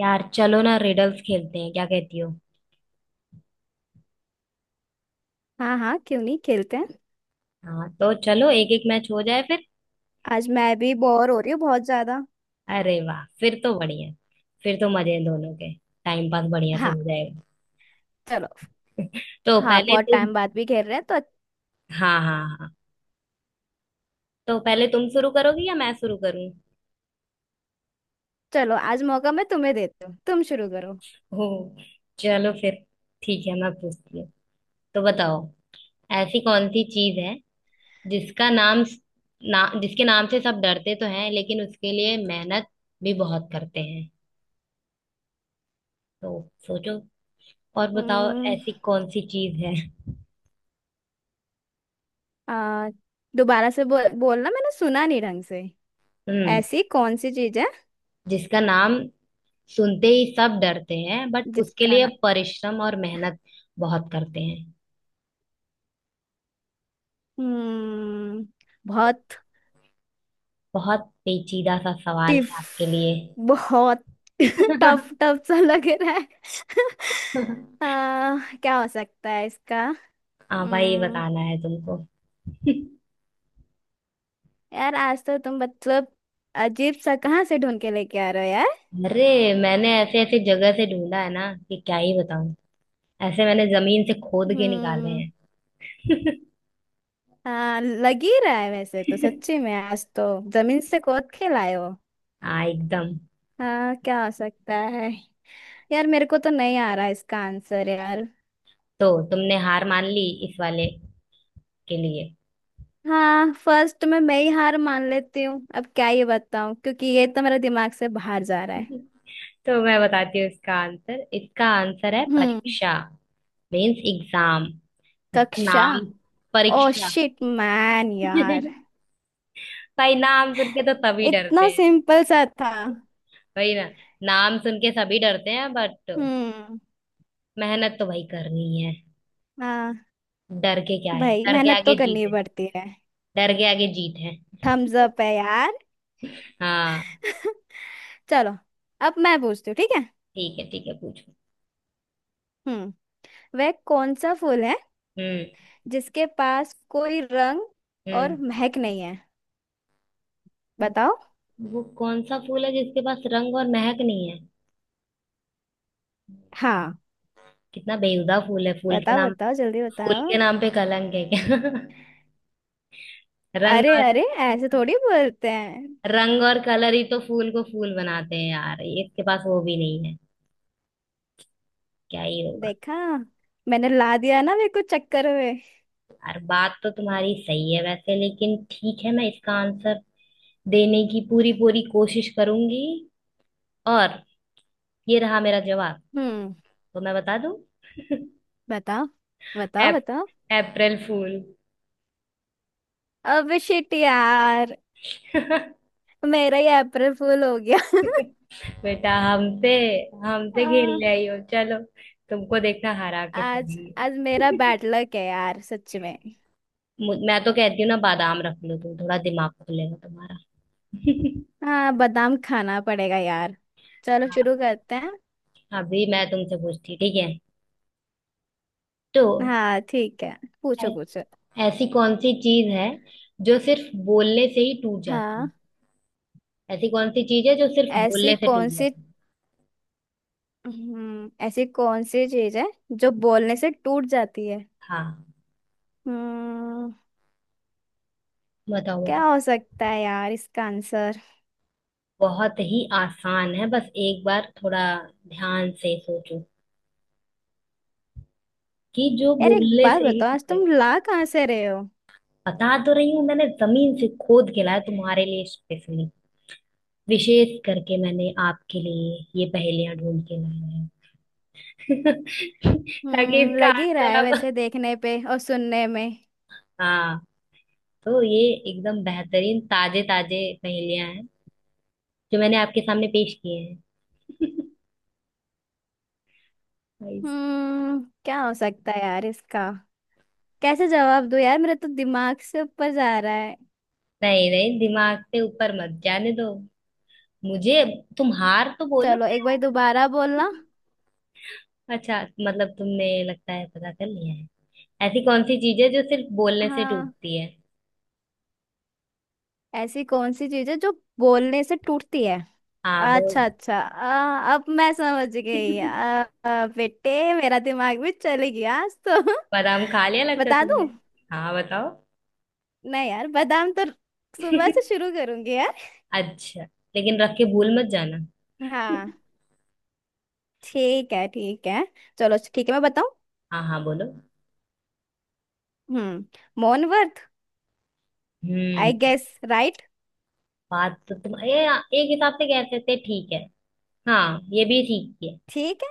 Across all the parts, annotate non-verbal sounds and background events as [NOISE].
यार, चलो ना, रिडल्स खेलते हैं। क्या कहती हो? हाँ हाँ, क्यों नहीं। खेलते हैं। हाँ, तो चलो एक एक मैच हो जाए फिर। आज मैं भी बोर हो रही हूँ बहुत ज्यादा। अरे वाह! फिर तो बढ़िया। फिर तो मजे हैं दोनों के। टाइम पास बढ़िया से हाँ। हो जाएगा। चलो। तो हाँ, पहले बहुत तुम। टाइम बाद भी खेल रहे हैं तो। हाँ, हाँ, हाँ। तो पहले तुम शुरू करोगी या मैं शुरू करूँ? चलो, आज मौका मैं तुम्हें देती हूँ, तुम शुरू करो। हो। चलो फिर। ठीक है, मैं पूछती हूँ। तो बताओ, ऐसी कौन सी चीज है, जिसका नाम ना जिसके नाम से सब डरते तो हैं, लेकिन उसके लिए मेहनत भी बहुत करते हैं। तो सोचो और बताओ, हम्म, ऐसी कौन सी चीज है। आ, दोबारा से बोलना, मैंने सुना नहीं ढंग से। हम्म। ऐसी कौन सी चीज है जिसका नाम सुनते ही सब डरते हैं, बट उसके जिसका लिए ना। परिश्रम और मेहनत बहुत करते हैं। हम्म बहुत बहुत पेचीदा सा सवाल टिफ है आपके लिए। बहुत [LAUGHS] टफ [LAUGHS] टफ सा लग रहा है। [LAUGHS] क्या हो सकता है इसका। हाँ भाई, ये बताना है तुमको। यार, आज तो तुम मतलब अजीब सा कहाँ से ढूंढ के लेके आ रहे हो यार। अरे, मैंने ऐसे ऐसे जगह से ढूंढा है ना कि क्या ही बताऊं। ऐसे मैंने जमीन से खोद के निकाले हम्म। हैं। [LAUGHS] हाँ, लग ही रहा है वैसे तो सच्ची में, आज तो जमीन से खोद के लाए हो। हाँ एकदम। हाँ, क्या हो सकता है। यार, मेरे को तो नहीं आ रहा इसका आंसर यार। तो तुमने हार मान ली इस वाले के लिए? हाँ, फर्स्ट में मैं ही हार मान लेती हूँ, अब क्या ये बताऊँ क्योंकि ये तो मेरे दिमाग से बाहर जा रहा है। [LAUGHS] तो मैं बताती हूँ इसका आंसर। इसका आंसर है हम्म। परीक्षा। Means exam. इसका कक्षा। नाम ओ परीक्षा। शिट मैन यार, [LAUGHS] भाई, नाम सुन के तो सभी डरते इतना हैं। सिंपल सा था। वही ना। नाम सुन के सभी डरते हैं, बट हम्म। मेहनत तो भाई करनी है। हाँ डर के क्या है? भाई, डर के मेहनत तो आगे जीत करनी है। पड़ती है। डर के आगे जीत है। थम्स अप है यार। हाँ। चलो, अब मैं पूछती हूँ, ठीक है। ठीक है, ठीक है, पूछो। हम्म। वह कौन सा फूल है हम्म। जिसके पास कोई रंग और हम्म। महक नहीं है? बताओ। वो कौन सा फूल है जिसके पास रंग और महक नहीं है? हाँ, कितना बेहुदा फूल है। बताओ बताओ जल्दी फूल बताओ। के नाम पे कलंक है क्या? [LAUGHS] रंग अरे और अरे, ऐसे थोड़ी बोलते हैं। रंग और कलर ही तो फूल को फूल बनाते हैं यार, इसके पास वो भी नहीं है। क्या ही होगा। देखा, मैंने ला दिया ना मेरे को चक्कर में। यार, बात तो तुम्हारी सही है वैसे, लेकिन ठीक है, मैं इसका आंसर देने की पूरी पूरी कोशिश करूंगी। और, ये रहा मेरा जवाब। हम्म। तो मैं बता दूं। [LAUGHS] बताओ। बताओ अप, बताओ। अप्रैल फूल। अब शिट यार, [LAUGHS] मेरा ही अप्रैल फूल हो गया। बेटा हमसे हमसे [LAUGHS] आ, खेलने आई हो, चलो। तुमको देखना, हरा के आज आज मेरा छोड़ेंगे। बैड लक है यार सच में। [LAUGHS] मैं तो कहती हूँ ना, बादाम रख लो तुम, थोड़ा दिमाग खुलेगा तुम्हारा। [LAUGHS] हाँ, बादाम खाना पड़ेगा यार। चलो हाँ, शुरू करते हैं। अभी मैं तुमसे पूछती, ठीक है? तो, हाँ ठीक है, पूछो ऐ- पूछो। ऐसी कौन सी चीज है जो सिर्फ बोलने से ही टूट जाती है? हाँ, ऐसी कौन सी चीज है जो सिर्फ ऐसी बोलने से टूट कौन सी जाती है? ऐसी कौन सी चीज है जो बोलने से टूट जाती है। हाँ, हम्म। बताओ क्या बताओ। हो सकता है यार इसका आंसर। बहुत ही आसान है, बस एक बार थोड़ा ध्यान से सोचो कि जो यार एक बोलने बात से ही बताओ, आज टूटे। तुम ला कहाँ से रहे हो। बता तो रही हूँ, मैंने जमीन से खोद के लाया तुम्हारे लिए स्पेशली। विशेष करके मैंने आपके लिए ये पहेलियां ढूंढ के लाया है। [LAUGHS] ताकि हम्म। इसका लग ही रहा आंसर है आप। वैसे देखने पे और सुनने में। हाँ। तो ये एकदम बेहतरीन ताजे ताजे पहेलियां हैं जो मैंने आपके सामने पेश किए हैं। [LAUGHS] भाई। क्या हो सकता है यार इसका। कैसे जवाब दूं यार, मेरा तो दिमाग से ऊपर जा रहा है। नहीं, नहीं, दिमाग से ऊपर मत जाने दो मुझे। तुम हार तो बोलो चलो, एक बार दोबारा ना। [LAUGHS] बोलना। अच्छा, मतलब तुमने लगता है पता कर लिया है। ऐसी कौन सी चीज है जो सिर्फ बोलने से हाँ, टूटती है? ऐसी कौन सी चीज है जो बोलने से टूटती है। हाँ बोल। अच्छा अच्छा, अब मैं समझ गई। [LAUGHS] आ, आ, बेटे मेरा दिमाग भी चले गया आज तो। बादाम खा लिया [LAUGHS] लगता है बता तुमने। दूं। हाँ बताओ। नहीं यार, बादाम तो सुबह [LAUGHS] से शुरू करूंगी यार। अच्छा, लेकिन रख के भूल मत जाना। [LAUGHS] हाँ। ठीक है ठीक है। चलो ठीक है, मैं बताऊं। हाँ, हाँ, बोलो। मौन व्रत। I hmm. Guess right. बात तो तुम ये एक हिसाब से कह सकते हैं, ठीक है। हाँ, ये भी ठीक है। ठीक।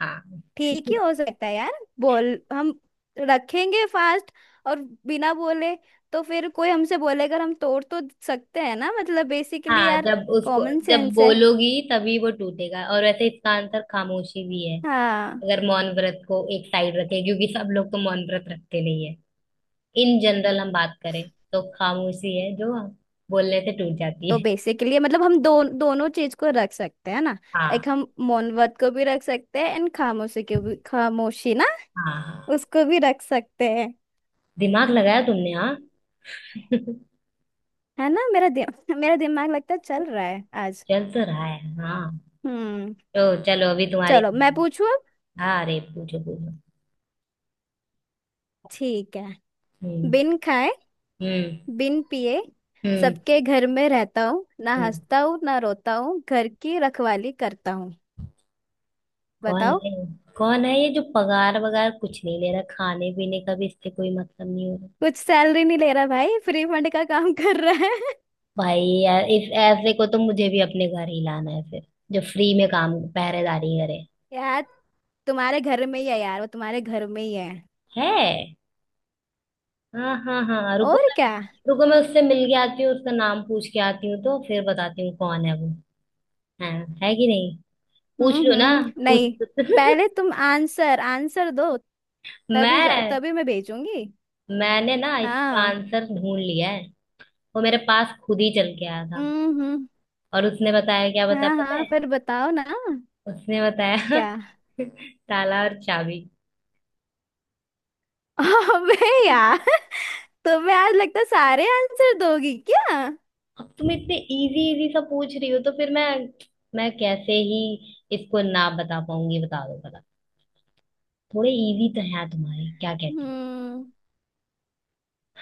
हाँ। ठीक ही [LAUGHS] हो सकता है यार। बोल। हम रखेंगे फास्ट, और बिना बोले तो फिर कोई हमसे बोलेगा, हम तोड़ तो सकते हैं ना, मतलब बेसिकली हाँ, यार, कॉमन जब सेंस है। बोलोगी तभी वो टूटेगा, और वैसे इसका आंसर खामोशी भी है। हाँ। अगर मौन व्रत को एक साइड रखें, क्योंकि सब लोग तो मौन व्रत रखते नहीं है। इन जनरल हम बात करें, तो खामोशी है जो बोलने से टूट जाती तो है। बेसिकली मतलब हम दोनों चीज को रख सकते हैं ना। हाँ, एक हम मौन व्रत को भी रख सकते हैं एंड खामोशी को भी। खामोशी ना, हाँ, हाँ। उसको भी रख सकते हैं। दिमाग लगाया तुमने, हाँ। [LAUGHS] है ना। [LAUGHS] मेरा दिमाग लगता है चल रहा है आज। चल तो रहा है, हाँ। हम्म। तो चलो, अभी तुम्हारी। चलो, मैं पूछू अब, हाँ, अरे पूछो पूछो। ठीक है। हम्म। बिन खाए, हम्म। बिन पिए, हम्म। सबके घर में रहता हूँ, ना हम्म। हंसता हूँ ना रोता हूँ, घर की रखवाली करता हूँ। कौन बताओ। है? कौन है ये जो पगार वगार कुछ नहीं ले रहा, खाने पीने का भी इससे कोई मतलब नहीं हो रहा? कुछ सैलरी नहीं ले रहा भाई, फ्री फंड का काम [LAUGHS] कर रहा है। भाई यार, इस ऐसे को तो मुझे भी अपने घर ही लाना है फिर, जो फ्री में काम पहरेदारी करे। [LAUGHS] यार, तुम्हारे घर में ही है यार, वो तुम्हारे घर में ही है। है। हाँ, हाँ, हाँ, रुको और मैं। क्या। रुको, मैं उससे मिल के आती हूँ, उसका नाम पूछ के आती हूँ, तो फिर बताती हूँ कौन है वो। है। है कि नहीं। पूछ लो ना। हम्म, पूछ। नहीं, पहले तुम आंसर आंसर दो, [LAUGHS] तभी मैं। तभी मैं भेजूंगी। मैंने ना इसका हाँ। आंसर ढूंढ लिया है। वो मेरे पास खुद ही चल के आया था। हम्म। और उसने बताया, क्या बताया हाँ पता हाँ, है? फिर बताओ ना। उसने बताया। क्या। [LAUGHS] ताला और चाबी। [LAUGHS] अबे यार, तुम्हें आज लगता है सारे आंसर दोगी क्या। अब तुम इतने इजी इजी सा पूछ रही हो तो फिर मैं कैसे ही इसको ना बता पाऊंगी, बता दो बता। थोड़े इजी तो है तुम्हारे, क्या कहती हो? हम्म।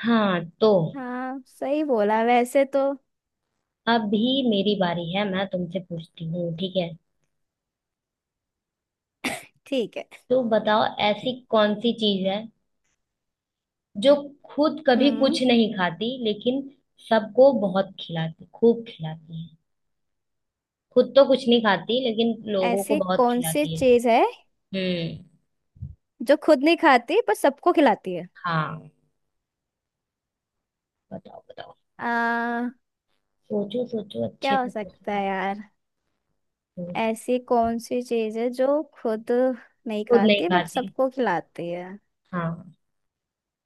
हाँ तो, हाँ सही बोला वैसे तो। अभी मेरी बारी है, मैं तुमसे पूछती हूँ, ठीक है? ठीक है। तो बताओ, ऐसी कौन सी चीज है जो खुद कभी हम्म। कुछ नहीं खाती, लेकिन सबको बहुत खिलाती, खूब खिलाती है। खुद तो कुछ नहीं खाती लेकिन लोगों को ऐसी बहुत कौन सी खिलाती है। चीज है हम्म। जो खुद नहीं खाती पर सबको खिलाती है? हाँ, बताओ बताओ। आ, सोचो सोचो, अच्छे क्या हो से सकता सोचना। है यार। सोच- ऐसी कौन सी चीज है जो खुद नहीं खुद नहीं खाती बट खाती, सबको खिलाती है। हाँ।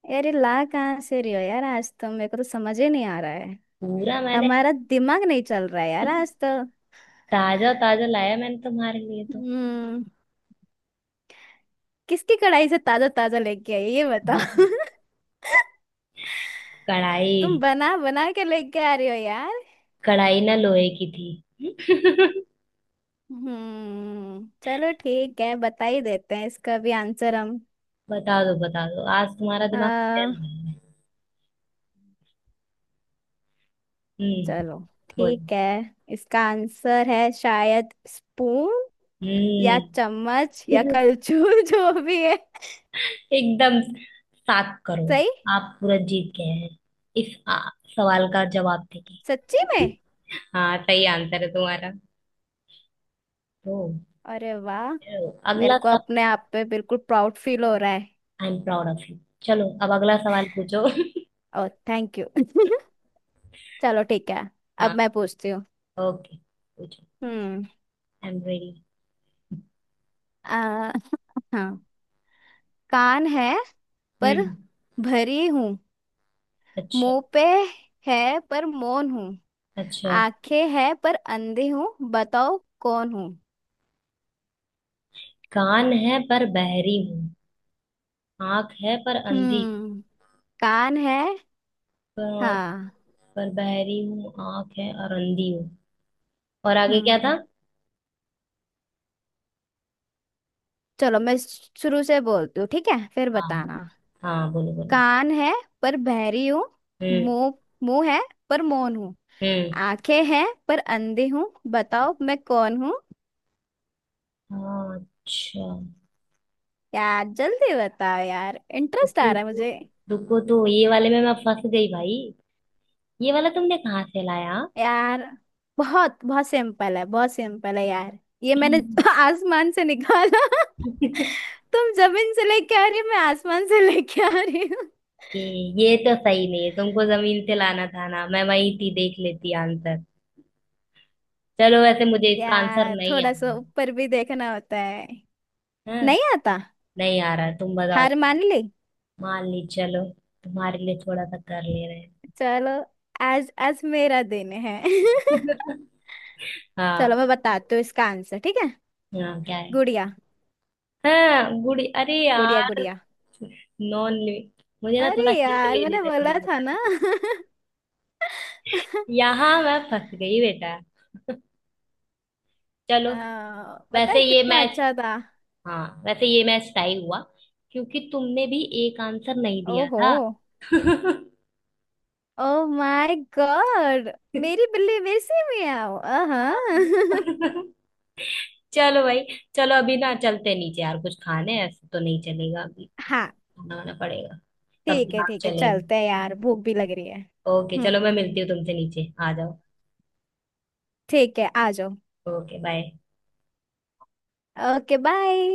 यार, ये ला कहाँ से रही हो यार, आज तो मेरे को तो समझ ही नहीं आ रहा है। पूरा मैंने। हमारा दिमाग नहीं चल रहा है यार आज [LAUGHS] तो। ताजा ताजा लाया मैंने तुम्हारे लिए तो। हम्म। किसकी कढ़ाई से ताजा ताजा लेके आई है, ये बताओ [LAUGHS] तुम कढ़ाई। बना बना के लेके आ रही हो यार। कढ़ाई ना लोहे की थी। [LAUGHS] चलो ठीक है, बता ही देते हैं इसका भी आंसर हम। बता दो बता दो, आज तुम्हारा दिमाग आ, चल रहा है। हम्म। चलो बोलो। ठीक है। इसका आंसर है शायद स्पून, या हम्म। चम्मच, या [LAUGHS] कलछुल [LAUGHS] जो भी है। एकदम सात करो। सही। आप पूरा जीत गए हैं, इस सवाल का जवाब देके। सच्ची में। हाँ, सही आंसर है तुम्हारा। तो अरे वाह, मेरे अगला को अपने सवाल। आप पे बिल्कुल प्राउड फील हो रहा है। I am proud of you. चलो, अब अगला सवाल पूछो। [LAUGHS] ओ थैंक यू [LAUGHS] चलो ठीक है। अब हाँ। मैं पूछती हूँ। ओके, पूछो। हम्म। I am ready. आ, [LAUGHS] हाँ। कान है पर हम्म। भरी हूँ। अच्छा। मुंह पे है पर मौन हूँ। अच्छा। आंखें हैं पर अंधे हूँ, बताओ कौन हूँ? कान है पर बहरी हूँ। आंख है पर अंधी हूँ। हम्म। कान है। प- हाँ। पर बहरी हूँ, आंख है और अंधी हूँ। और आगे क्या था? हम्म। चलो, मैं शुरू से बोलती हूँ, ठीक है, फिर हाँ, बताना। हाँ, बोलो बोलो। कान है पर बहरी हूँ। हम्म। मुंह मुंह है पर मौन हूँ। हम्म। आंखें हैं पर अंधे हूँ, बताओ मैं कौन हूँ? हाँ, अच्छा। यार जल्दी बताओ यार, इंटरेस्ट रुको आ रहा है तो। मुझे। रुको तो, ये वाले में मैं फंस गई भाई। ये वाला तुमने कहाँ से लाया? यार, बहुत बहुत सिंपल है, बहुत सिंपल है यार। ये मैंने [LAUGHS] आसमान से निकाला। तुम जमीन से लेके आ रही हो, मैं आसमान से लेके आ रही हूँ। ये ये तो सही नहीं है, तुमको जमीन से लाना था ना, मैं वही थी देख लेती आंसर। चलो वैसे, मुझे इसका आंसर यार नहीं आ थोड़ा सा रहा। ऊपर भी देखना होता है। है। नहीं आता। नहीं आ रहा, तुम बताओ। हार मान ली। मान ली, चलो। तुम्हारे लिए थोड़ा सा कर ले रहे चलो, आज आज मेरा दिन है [LAUGHS] हैं। [LAUGHS] चलो, हाँ। मैं बताती हूँ इसका आंसर, ठीक है। हाँ, क्या है? गुड़िया। हाँ गुड़ी, अरे गुड़िया यार। गुड़िया। नॉन लिमिट, मुझे ना अरे थोड़ा हिंट यार, ले मैंने लेना बोला चाहिए था ना था। [LAUGHS] [LAUGHS] यहाँ मैं फंस गई बेटा। चलो, पता वैसे है ये कितना मैच। अच्छा था। हाँ, वैसे ये मैच टाई हुआ, क्योंकि तुमने भी एक आंसर नहीं दिया ओहो। था। Oh my god. मेरी बिल्ली मेरे से में आओ। हाँ हाँ। [LAUGHS] चलो भाई, चलो, अभी ना चलते हैं नीचे यार, कुछ खाने हैं, ऐसे तो नहीं चलेगा, अभी [LAUGHS] हाँ खाना वाना पड़ेगा। तब ठीक है दिमाग ठीक है, चलेगा। चलते हैं यार, भूख भी लग रही है। ओके, चलो, हम्म। मैं मिलती हूँ तुमसे, नीचे आ जाओ। ठीक है, आ जाओ। Okay bye. Okay bye.